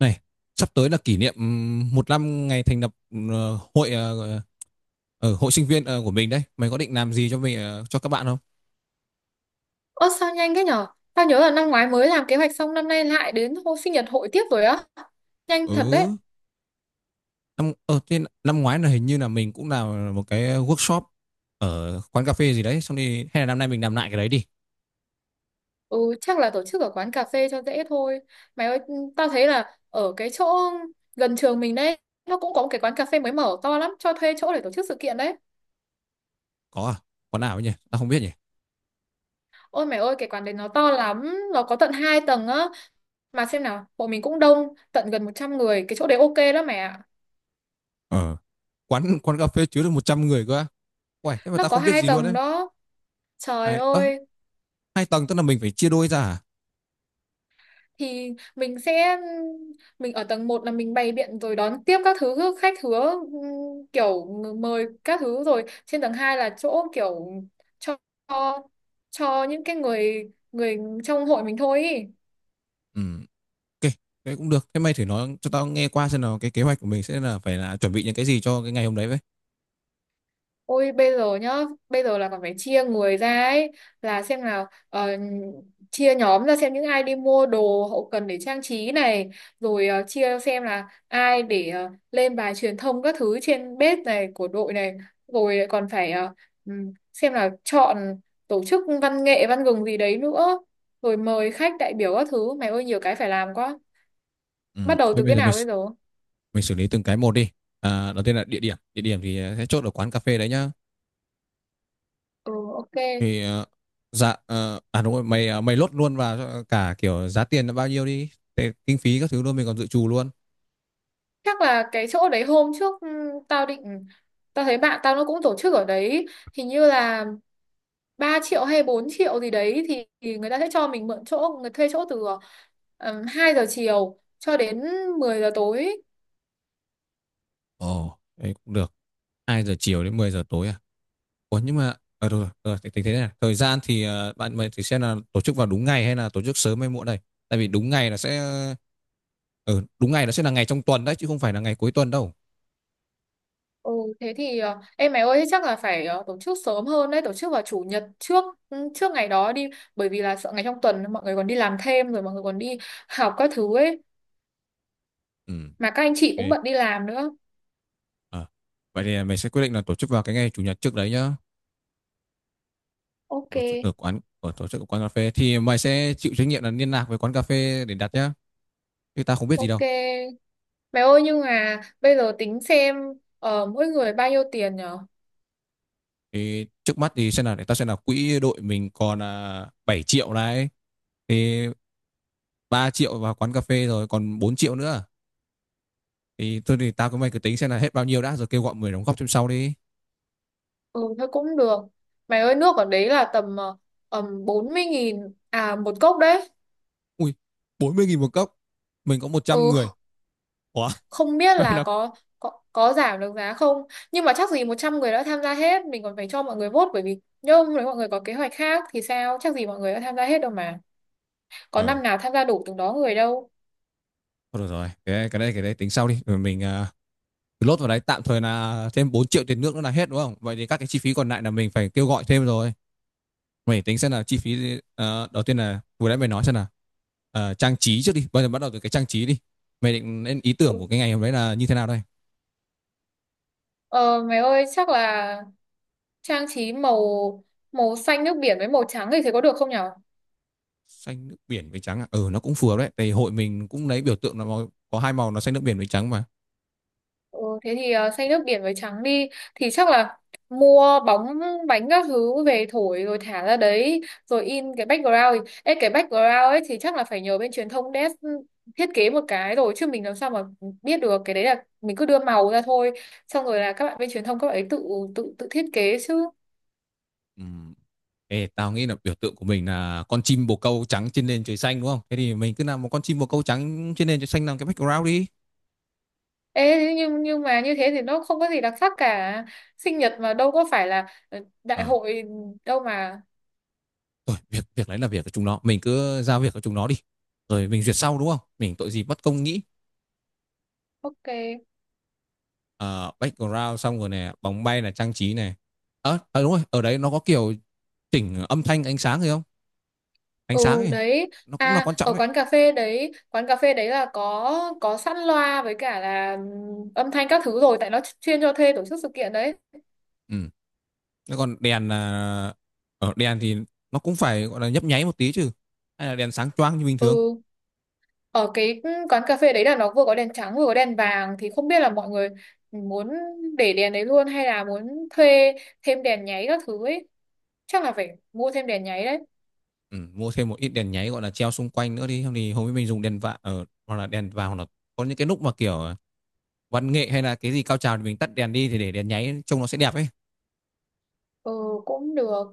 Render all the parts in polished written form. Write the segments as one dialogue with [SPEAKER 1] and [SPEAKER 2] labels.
[SPEAKER 1] Này, sắp tới là kỷ niệm một năm ngày thành lập ờ, hội ờ, hội sinh viên của mình đấy. Mày có định làm gì cho các bạn không?
[SPEAKER 2] Ơ sao nhanh thế nhở? Tao nhớ là năm ngoái mới làm kế hoạch xong năm nay lại đến hôm sinh nhật hội tiếp rồi á. Nhanh thật đấy.
[SPEAKER 1] Ừ, năm ờ thế năm ngoái là hình như là mình cũng làm một cái workshop ở quán cà phê gì đấy, xong đi hay là năm nay mình làm lại cái đấy đi.
[SPEAKER 2] Ừ, chắc là tổ chức ở quán cà phê cho dễ thôi. Mày ơi, tao thấy là ở cái chỗ gần trường mình đấy, nó cũng có một cái quán cà phê mới mở to lắm, cho thuê chỗ để tổ chức sự kiện đấy.
[SPEAKER 1] Có à? Quán nào ấy nhỉ? Tao không biết nhỉ.
[SPEAKER 2] Ôi mày ơi, cái quán đấy nó to lắm, nó có tận 2 tầng á. Mà xem nào, bọn mình cũng đông, tận gần 100 người, cái chỗ đấy ok lắm mẹ ạ.
[SPEAKER 1] Ờ, quán quán cà phê chứa được 100 người cơ á. Uầy, thế mà
[SPEAKER 2] Nó
[SPEAKER 1] tao
[SPEAKER 2] có
[SPEAKER 1] không biết
[SPEAKER 2] hai
[SPEAKER 1] gì luôn
[SPEAKER 2] tầng
[SPEAKER 1] đấy.
[SPEAKER 2] đó. Trời
[SPEAKER 1] Hai ơ,
[SPEAKER 2] ơi,
[SPEAKER 1] hai tầng tức là mình phải chia đôi ra à?
[SPEAKER 2] thì mình sẽ mình ở tầng một là mình bày biện rồi đón tiếp các thứ khách hứa kiểu mời các thứ rồi trên tầng 2 là chỗ kiểu cho cho những cái người người trong hội mình thôi ý.
[SPEAKER 1] Ừ. Ok, thế cũng được. Thế mày thử nói cho tao nghe qua xem nào cái kế hoạch của mình sẽ là phải là chuẩn bị những cái gì cho cái ngày hôm đấy vậy.
[SPEAKER 2] Ôi bây giờ nhá, bây giờ là còn phải chia người ra ấy, là xem nào chia nhóm ra xem những ai đi mua đồ hậu cần để trang trí này, rồi chia xem là ai để lên bài truyền thông các thứ trên page này của đội này, rồi còn phải xem là chọn tổ chức văn nghệ văn gừng gì đấy nữa, rồi mời khách đại biểu các thứ, mày ơi nhiều cái phải làm quá.
[SPEAKER 1] Ừ.
[SPEAKER 2] Bắt đầu
[SPEAKER 1] Thế
[SPEAKER 2] từ
[SPEAKER 1] bây
[SPEAKER 2] cái
[SPEAKER 1] giờ mình
[SPEAKER 2] nào bây giờ?
[SPEAKER 1] mình xử lý từng cái một đi. À, đầu tiên là địa điểm. Địa điểm thì à, sẽ chốt ở quán cà phê đấy nhá.
[SPEAKER 2] Ừ, ok.
[SPEAKER 1] Thì dạ, à đúng rồi, mày lốt luôn vào cho cả kiểu giá tiền là bao nhiêu đi. Thế, kinh phí các thứ luôn mình còn dự trù luôn.
[SPEAKER 2] Chắc là cái chỗ đấy hôm trước tao thấy bạn tao nó cũng tổ chức ở đấy hình như là 3 triệu hay 4 triệu gì đấy thì người ta sẽ cho mình mượn chỗ người thuê chỗ từ 2 giờ chiều cho đến 10 giờ tối.
[SPEAKER 1] Ồ, đấy cũng được. 2 giờ chiều đến 10 giờ tối à? Ủa, nhưng mà được rồi, thì tính thế này. Thời gian thì bạn mình thì xem là tổ chức vào đúng ngày hay là tổ chức sớm hay muộn đây. Tại vì đúng ngày đúng ngày nó sẽ là ngày trong tuần đấy chứ không phải là ngày cuối tuần đâu.
[SPEAKER 2] Ừ, thế thì em mày ơi chắc là phải tổ chức sớm hơn đấy tổ chức vào chủ nhật trước, ừ, trước ngày đó đi bởi vì là sợ ngày trong tuần mọi người còn đi làm thêm rồi mọi người còn đi học các thứ ấy
[SPEAKER 1] Ừ.
[SPEAKER 2] mà các anh chị cũng
[SPEAKER 1] Ok.
[SPEAKER 2] bận đi làm nữa.
[SPEAKER 1] Ờ. Vậy thì mình sẽ quyết định là tổ chức vào cái ngày chủ nhật trước đấy nhá.
[SPEAKER 2] Ok,
[SPEAKER 1] Tổ chức ở quán cà phê thì mày sẽ chịu trách nhiệm là liên lạc với quán cà phê để đặt nhá. Chứ ta không biết gì
[SPEAKER 2] ok.
[SPEAKER 1] đâu.
[SPEAKER 2] Mẹ ơi nhưng mà bây giờ tính xem mỗi người bao nhiêu tiền nhở?
[SPEAKER 1] Thì trước mắt thì xem là để ta xem là quỹ đội mình còn à, 7 triệu này, thì 3 triệu vào quán cà phê rồi còn 4 triệu nữa. Thì tôi thì tao cứ mày cứ tính xem là hết bao nhiêu đã rồi kêu gọi người đóng góp thêm sau đi.
[SPEAKER 2] Ừ thôi cũng được. Mày ơi nước ở đấy là tầm 40.000 à một cốc đấy.
[SPEAKER 1] Ui, 40.000 một cốc. Mình có một
[SPEAKER 2] Ừ,
[SPEAKER 1] trăm người. Ủa,
[SPEAKER 2] không biết
[SPEAKER 1] mày
[SPEAKER 2] là
[SPEAKER 1] nó
[SPEAKER 2] có có giảm được giá không. Nhưng mà chắc gì 100 người đã tham gia hết, mình còn phải cho mọi người vote bởi vì nếu nếu mọi người có kế hoạch khác thì sao? Chắc gì mọi người đã tham gia hết đâu mà. Có
[SPEAKER 1] ừ,
[SPEAKER 2] năm nào tham gia đủ từng đó người đâu.
[SPEAKER 1] thôi được rồi. Cái đây tính sau đi. Rồi mình lốt vào đấy tạm thời là thêm 4 triệu tiền nước nữa là hết đúng không? Vậy thì các cái chi phí còn lại là mình phải kêu gọi thêm rồi. Mày tính xem là chi phí đầu tiên là vừa nãy mày nói xem là trang trí trước đi. Bây giờ bắt đầu từ cái trang trí đi. Mày định lên ý tưởng của
[SPEAKER 2] Ừ,
[SPEAKER 1] cái ngày hôm đấy là như thế nào đây?
[SPEAKER 2] ờ mày ơi chắc là trang trí màu màu xanh nước biển với màu trắng thì thấy có được không nhở?
[SPEAKER 1] Xanh nước biển với trắng à? Ừ, nó cũng phù hợp đấy, tại hội mình cũng lấy biểu tượng là màu, có hai màu nó xanh nước biển với trắng mà.
[SPEAKER 2] Ừ, thế thì xay nước biển với trắng đi thì chắc là mua bóng bánh các thứ về thổi rồi thả ra đấy rồi in cái background ấy thì chắc là phải nhờ bên truyền thông desk thiết kế một cái rồi chứ mình làm sao mà biết được cái đấy là mình cứ đưa màu ra thôi xong rồi là các bạn bên truyền thông các bạn ấy tự tự tự thiết kế chứ.
[SPEAKER 1] Ừm, Ê, tao nghĩ là biểu tượng của mình là con chim bồ câu trắng trên nền trời xanh đúng không? Thế thì mình cứ làm một con chim bồ câu trắng trên nền trời xanh làm cái background đi.
[SPEAKER 2] Ê, thế nhưng mà như thế thì nó không có gì đặc sắc cả, sinh nhật mà đâu có phải là đại
[SPEAKER 1] ờ
[SPEAKER 2] hội đâu mà.
[SPEAKER 1] Thôi việc việc đấy là việc của chúng nó, mình cứ giao việc cho chúng nó đi rồi mình duyệt sau đúng không, mình tội gì bất công nghĩ.
[SPEAKER 2] Ok.
[SPEAKER 1] Ờ, background xong rồi này, bóng bay là trang trí này, đúng rồi, ở đấy nó có kiểu chỉnh âm thanh ánh sáng gì không, ánh sáng
[SPEAKER 2] Ừ
[SPEAKER 1] ấy
[SPEAKER 2] đấy.
[SPEAKER 1] nó cũng là
[SPEAKER 2] À
[SPEAKER 1] quan trọng
[SPEAKER 2] ở
[SPEAKER 1] đấy.
[SPEAKER 2] quán cà phê đấy là có sẵn loa với cả là âm thanh các thứ rồi tại nó chuyên cho thuê tổ chức sự kiện đấy.
[SPEAKER 1] Ừ. Thế còn đèn là ở đèn thì nó cũng phải gọi là nhấp nháy một tí chứ, hay là đèn sáng choang như bình thường.
[SPEAKER 2] Ừ, ở cái quán cà phê đấy là nó vừa có đèn trắng vừa có đèn vàng thì không biết là mọi người muốn để đèn đấy luôn hay là muốn thuê thêm đèn nháy các thứ ấy, chắc là phải mua thêm đèn nháy đấy.
[SPEAKER 1] Ừ, mua thêm một ít đèn nháy gọi là treo xung quanh nữa đi, không thì hôm ấy mình dùng đèn vạ ở hoặc là đèn vào, hoặc là có những cái lúc mà kiểu văn nghệ hay là cái gì cao trào thì mình tắt đèn đi thì để đèn nháy trông nó sẽ đẹp ấy.
[SPEAKER 2] Ừ cũng được.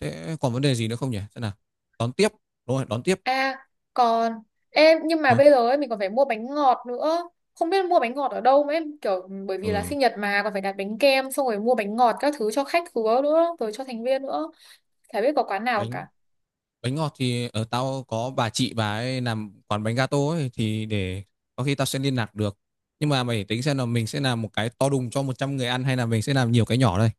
[SPEAKER 1] Thế còn vấn đề gì nữa không nhỉ, thế nào, đón tiếp, đúng rồi đón tiếp.
[SPEAKER 2] À còn em nhưng mà
[SPEAKER 1] ờ
[SPEAKER 2] bây giờ ấy, mình còn phải mua bánh ngọt nữa. Không biết mua bánh ngọt ở đâu mà em kiểu bởi vì là
[SPEAKER 1] ừ.
[SPEAKER 2] sinh nhật mà còn phải đặt bánh kem xong rồi mua bánh ngọt các thứ cho khách khứa nữa rồi cho thành viên nữa. Chả biết có quán nào
[SPEAKER 1] bánh
[SPEAKER 2] cả.
[SPEAKER 1] Bánh ngọt thì ở tao có bà chị, bà ấy làm quán bánh gato ấy, thì để có khi tao sẽ liên lạc được, nhưng mà mày phải tính xem là mình sẽ làm một cái to đùng cho 100 người ăn hay là mình sẽ làm nhiều cái nhỏ đây.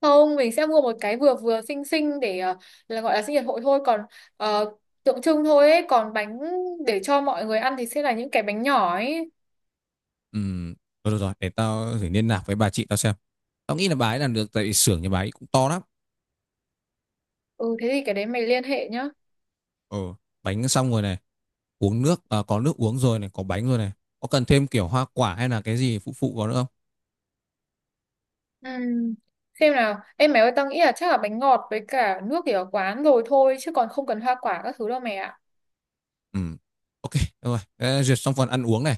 [SPEAKER 2] Không, mình sẽ mua một cái vừa vừa xinh xinh để là gọi là sinh nhật hội thôi, còn ờ, tượng trưng thôi ấy, còn bánh để cho mọi người ăn thì sẽ là những cái bánh nhỏ ấy.
[SPEAKER 1] Ừm, rồi rồi rồi, để tao thử liên lạc với bà chị tao xem, tao nghĩ là bà ấy làm được tại vì xưởng nhà bà ấy cũng to lắm.
[SPEAKER 2] Ừ thế thì cái đấy mày liên hệ nhá.
[SPEAKER 1] Ừ, bánh xong rồi này, uống nước à, có nước uống rồi này, có bánh rồi này, có cần thêm kiểu hoa quả hay là cái gì phụ phụ vào nữa không?
[SPEAKER 2] Ừm, xem nào em mẹ ơi tao nghĩ là chắc là bánh ngọt với cả nước thì ở quán rồi thôi chứ còn không cần hoa quả các thứ đâu mẹ ạ.
[SPEAKER 1] Ừ. Ok, được rồi. Thế duyệt xong phần ăn uống này.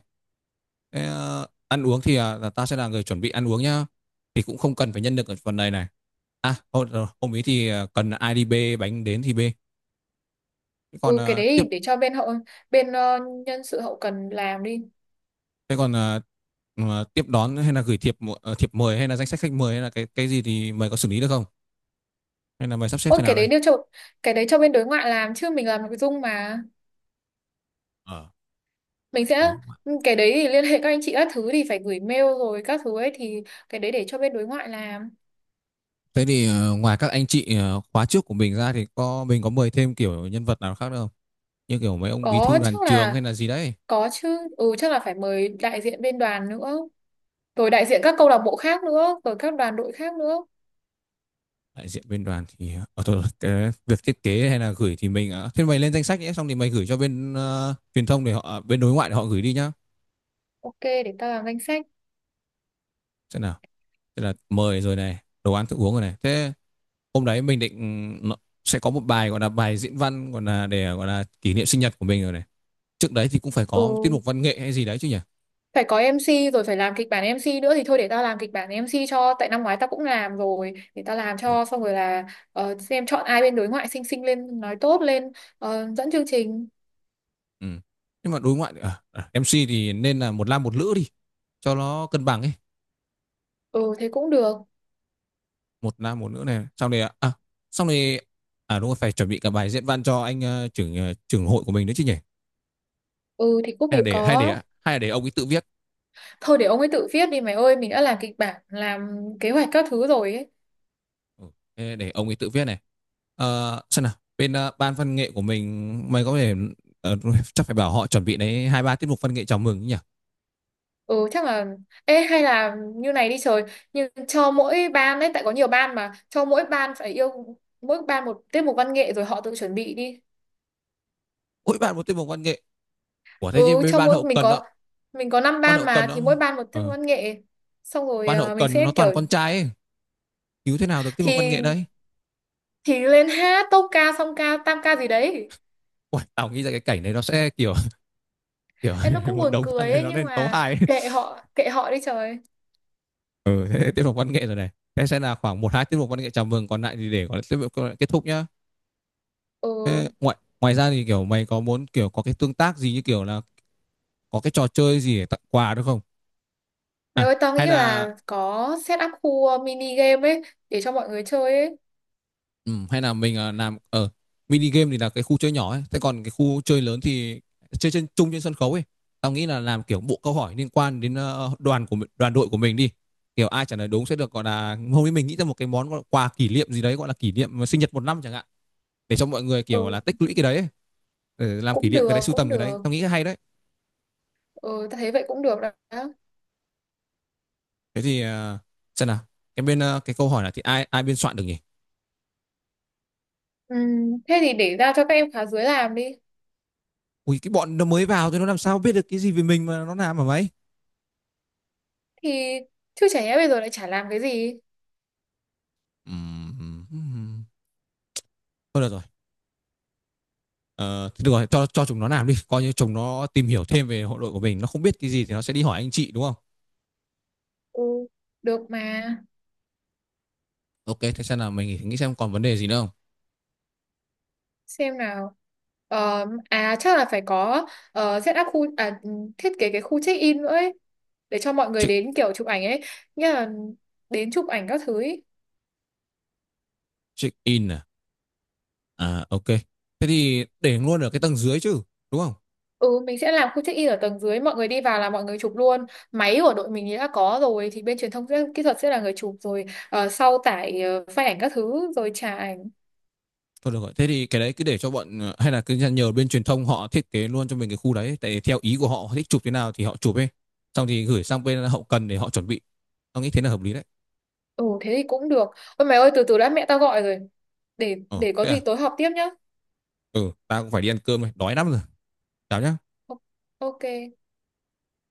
[SPEAKER 1] Thế, ăn uống thì à, là ta sẽ là người chuẩn bị ăn uống nhá. Thì cũng không cần phải nhân lực ở phần này này. À, rồi, hôm ý thì à, cần ai đi bê bánh đến thì bê. Thế còn
[SPEAKER 2] Ừ, cái
[SPEAKER 1] à,
[SPEAKER 2] đấy
[SPEAKER 1] tiếp.
[SPEAKER 2] thì để cho bên nhân sự hậu cần làm đi.
[SPEAKER 1] Thế còn à, mà tiếp đón hay là gửi thiệp mời hay là danh sách khách mời hay là cái gì thì mày có xử lý được không? Hay là mày sắp xếp
[SPEAKER 2] Ôi
[SPEAKER 1] thế nào đây?
[SPEAKER 2] cái đấy cho bên đối ngoại làm chứ mình làm nội dung mà.
[SPEAKER 1] ờ
[SPEAKER 2] Mình
[SPEAKER 1] ừ,
[SPEAKER 2] sẽ
[SPEAKER 1] đúng rồi.
[SPEAKER 2] Cái đấy thì liên hệ các anh chị các thứ thì phải gửi mail rồi các thứ ấy thì cái đấy để cho bên đối ngoại làm.
[SPEAKER 1] Thế thì ngoài các anh chị khóa trước của mình ra thì có mình có mời thêm kiểu nhân vật nào khác nữa không? Như kiểu mấy ông bí
[SPEAKER 2] Có,
[SPEAKER 1] thư đoàn
[SPEAKER 2] chắc
[SPEAKER 1] trường hay
[SPEAKER 2] là
[SPEAKER 1] là gì đấy.
[SPEAKER 2] có chứ. Ừ, chắc là phải mời đại diện bên đoàn nữa rồi đại diện các câu lạc bộ khác nữa rồi các đoàn đội khác nữa.
[SPEAKER 1] Đại diện bên đoàn thì ở thôi, cái việc thiết kế hay là gửi thì mình thế mày lên danh sách nhé, xong thì mày gửi cho bên ờ, truyền thông để họ ờ, bên đối ngoại để họ gửi đi nhá.
[SPEAKER 2] Ok, để tao làm danh sách.
[SPEAKER 1] Thế nào, thế là mời rồi này, đồ ăn thức uống rồi này, thế hôm đấy mình định ừ, sẽ có một bài gọi là bài diễn văn gọi là để gọi là kỷ niệm sinh nhật của mình rồi này, trước đấy thì cũng phải
[SPEAKER 2] Ừ,
[SPEAKER 1] có tiết mục văn nghệ hay gì đấy chứ nhỉ.
[SPEAKER 2] phải có MC rồi phải làm kịch bản MC nữa thì thôi, để tao làm kịch bản MC cho, tại năm ngoái tao cũng làm rồi, để tao làm cho xong rồi là xem chọn ai bên đối ngoại xinh xinh lên nói tốt lên dẫn chương trình.
[SPEAKER 1] Ờ, ừ. Nhưng mà đối ngoại à, à, MC thì nên là một nam một nữ đi cho nó cân bằng ấy.
[SPEAKER 2] Ừ thế cũng được.
[SPEAKER 1] Một nam một nữ này, xong rồi à, xong rồi à, đúng rồi, phải chuẩn bị cả bài diễn văn cho anh trưởng hội của mình nữa chứ nhỉ.
[SPEAKER 2] Ừ thì cũng
[SPEAKER 1] hay là
[SPEAKER 2] phải
[SPEAKER 1] để hay
[SPEAKER 2] có.
[SPEAKER 1] để Hay là để ông ấy tự viết.
[SPEAKER 2] Thôi để ông ấy tự viết đi mày ơi, mình đã làm kịch bản, làm kế hoạch các thứ rồi ấy.
[SPEAKER 1] Ừ. Để ông ấy tự viết này. Ờ, xem nào bên ban văn nghệ của mình, mày có thể ờ, chắc phải bảo họ chuẩn bị đấy, hai ba tiết mục văn nghệ chào mừng nhỉ.
[SPEAKER 2] Ừ, chắc là ê hay là như này đi trời, nhưng cho mỗi ban ấy tại có nhiều ban mà, cho mỗi ban phải yêu mỗi ban một tiết mục văn nghệ rồi họ tự chuẩn bị đi.
[SPEAKER 1] Mỗi bạn một tiết mục văn nghệ của thế chứ,
[SPEAKER 2] Ừ,
[SPEAKER 1] bên
[SPEAKER 2] cho
[SPEAKER 1] ban
[SPEAKER 2] mỗi
[SPEAKER 1] hậu cần đó,
[SPEAKER 2] mình có 5
[SPEAKER 1] ban
[SPEAKER 2] ban
[SPEAKER 1] hậu cần
[SPEAKER 2] mà thì
[SPEAKER 1] đó
[SPEAKER 2] mỗi ban một tiết
[SPEAKER 1] ờ,
[SPEAKER 2] văn nghệ xong rồi
[SPEAKER 1] ban hậu
[SPEAKER 2] mình
[SPEAKER 1] cần
[SPEAKER 2] sẽ
[SPEAKER 1] nó toàn
[SPEAKER 2] kiểu
[SPEAKER 1] con trai ấy, cứu thế nào được tiết mục văn nghệ
[SPEAKER 2] thì
[SPEAKER 1] đấy.
[SPEAKER 2] thì lên hát tốp ca song ca tam ca gì đấy.
[SPEAKER 1] Uầy, tao nghĩ ra cái cảnh này nó sẽ kiểu kiểu
[SPEAKER 2] Em nó cũng
[SPEAKER 1] một
[SPEAKER 2] buồn
[SPEAKER 1] đống thằng
[SPEAKER 2] cười
[SPEAKER 1] này
[SPEAKER 2] ấy
[SPEAKER 1] nó
[SPEAKER 2] nhưng
[SPEAKER 1] lên tấu
[SPEAKER 2] mà
[SPEAKER 1] hài.
[SPEAKER 2] kệ họ, kệ họ đi trời.
[SPEAKER 1] Ừ, thế tiết mục văn nghệ rồi này. Thế sẽ là khoảng một hai tiết mục văn nghệ chào mừng, còn lại thì để có tiết mục kết thúc nhá.
[SPEAKER 2] Ừ
[SPEAKER 1] Thế ngoài ngoài ra thì kiểu mày có muốn kiểu có cái tương tác gì như kiểu là có cái trò chơi gì để tặng quà được không?
[SPEAKER 2] mày
[SPEAKER 1] À,
[SPEAKER 2] ơi tao
[SPEAKER 1] hay
[SPEAKER 2] nghĩ là
[SPEAKER 1] là
[SPEAKER 2] có set up khu mini game ấy để cho mọi người chơi ấy.
[SPEAKER 1] ừ, hay là mình làm ở mini game thì là cái khu chơi nhỏ ấy, thế còn cái khu chơi lớn thì chơi trên chung trên sân khấu ấy. Tao nghĩ là làm kiểu bộ câu hỏi liên quan đến đoàn đội của mình đi. Kiểu ai trả lời đúng sẽ được gọi là hôm nay mình nghĩ ra một cái món gọi là quà kỷ niệm gì đấy gọi là kỷ niệm sinh nhật một năm chẳng hạn, để cho mọi người kiểu
[SPEAKER 2] Ừ
[SPEAKER 1] là tích lũy cái đấy ấy, để làm kỷ
[SPEAKER 2] cũng
[SPEAKER 1] niệm cái đấy,
[SPEAKER 2] được,
[SPEAKER 1] sưu
[SPEAKER 2] cũng
[SPEAKER 1] tầm cái đấy,
[SPEAKER 2] được.
[SPEAKER 1] tao nghĩ hay đấy.
[SPEAKER 2] Ừ tao thấy vậy cũng được đó.
[SPEAKER 1] Thế thì xem nào cái bên cái câu hỏi là thì ai ai biên soạn được nhỉ.
[SPEAKER 2] Ừ, thế thì để ra cho các em khóa dưới làm đi.
[SPEAKER 1] Ui cái bọn nó mới vào thì nó làm sao biết được cái gì về mình mà nó làm mà mấy.
[SPEAKER 2] Thì chứ chả nhẽ bây giờ lại chả làm cái gì.
[SPEAKER 1] Thôi được rồi. Ờ, thì được rồi cho chúng nó làm đi, coi như chúng nó tìm hiểu thêm về hội đội của mình, nó không biết cái gì thì nó sẽ đi hỏi anh chị đúng không.
[SPEAKER 2] Ừ được mà.
[SPEAKER 1] Ok, thế xem nào mình nghĩ xem còn vấn đề gì nữa không.
[SPEAKER 2] Xem nào, ờ, à chắc là phải có ờ, set up khu à, thiết kế cái khu check in nữa ấy để cho mọi người
[SPEAKER 1] Check
[SPEAKER 2] đến kiểu chụp ảnh ấy, nghĩa là đến chụp ảnh các thứ ấy.
[SPEAKER 1] Check in à, à ok, thế thì để luôn ở cái tầng dưới chứ, đúng không?
[SPEAKER 2] Ừ mình sẽ làm khu check in ở tầng dưới, mọi người đi vào là mọi người chụp luôn. Máy của đội mình thì đã có rồi thì bên truyền thông sẽ, kỹ thuật sẽ là người chụp rồi sau tải file ảnh các thứ rồi trả ảnh.
[SPEAKER 1] Thôi được rồi. Thế thì cái đấy cứ để cho bọn hay là cứ nhờ bên truyền thông họ thiết kế luôn cho mình cái khu đấy. Tại theo ý của họ, họ thích chụp thế nào thì họ chụp ấy. Xong thì gửi sang bên hậu cần để họ chuẩn bị. Tao nghĩ thế là hợp lý đấy.
[SPEAKER 2] Ừ thế thì cũng được. Ôi mày ơi, từ từ đã, mẹ tao gọi rồi, để
[SPEAKER 1] Ờ,
[SPEAKER 2] để có
[SPEAKER 1] thế à?
[SPEAKER 2] gì tối họp tiếp nhá.
[SPEAKER 1] Ừ, tao cũng phải đi ăn cơm rồi. Đói lắm rồi. Chào nhá.
[SPEAKER 2] O- ok.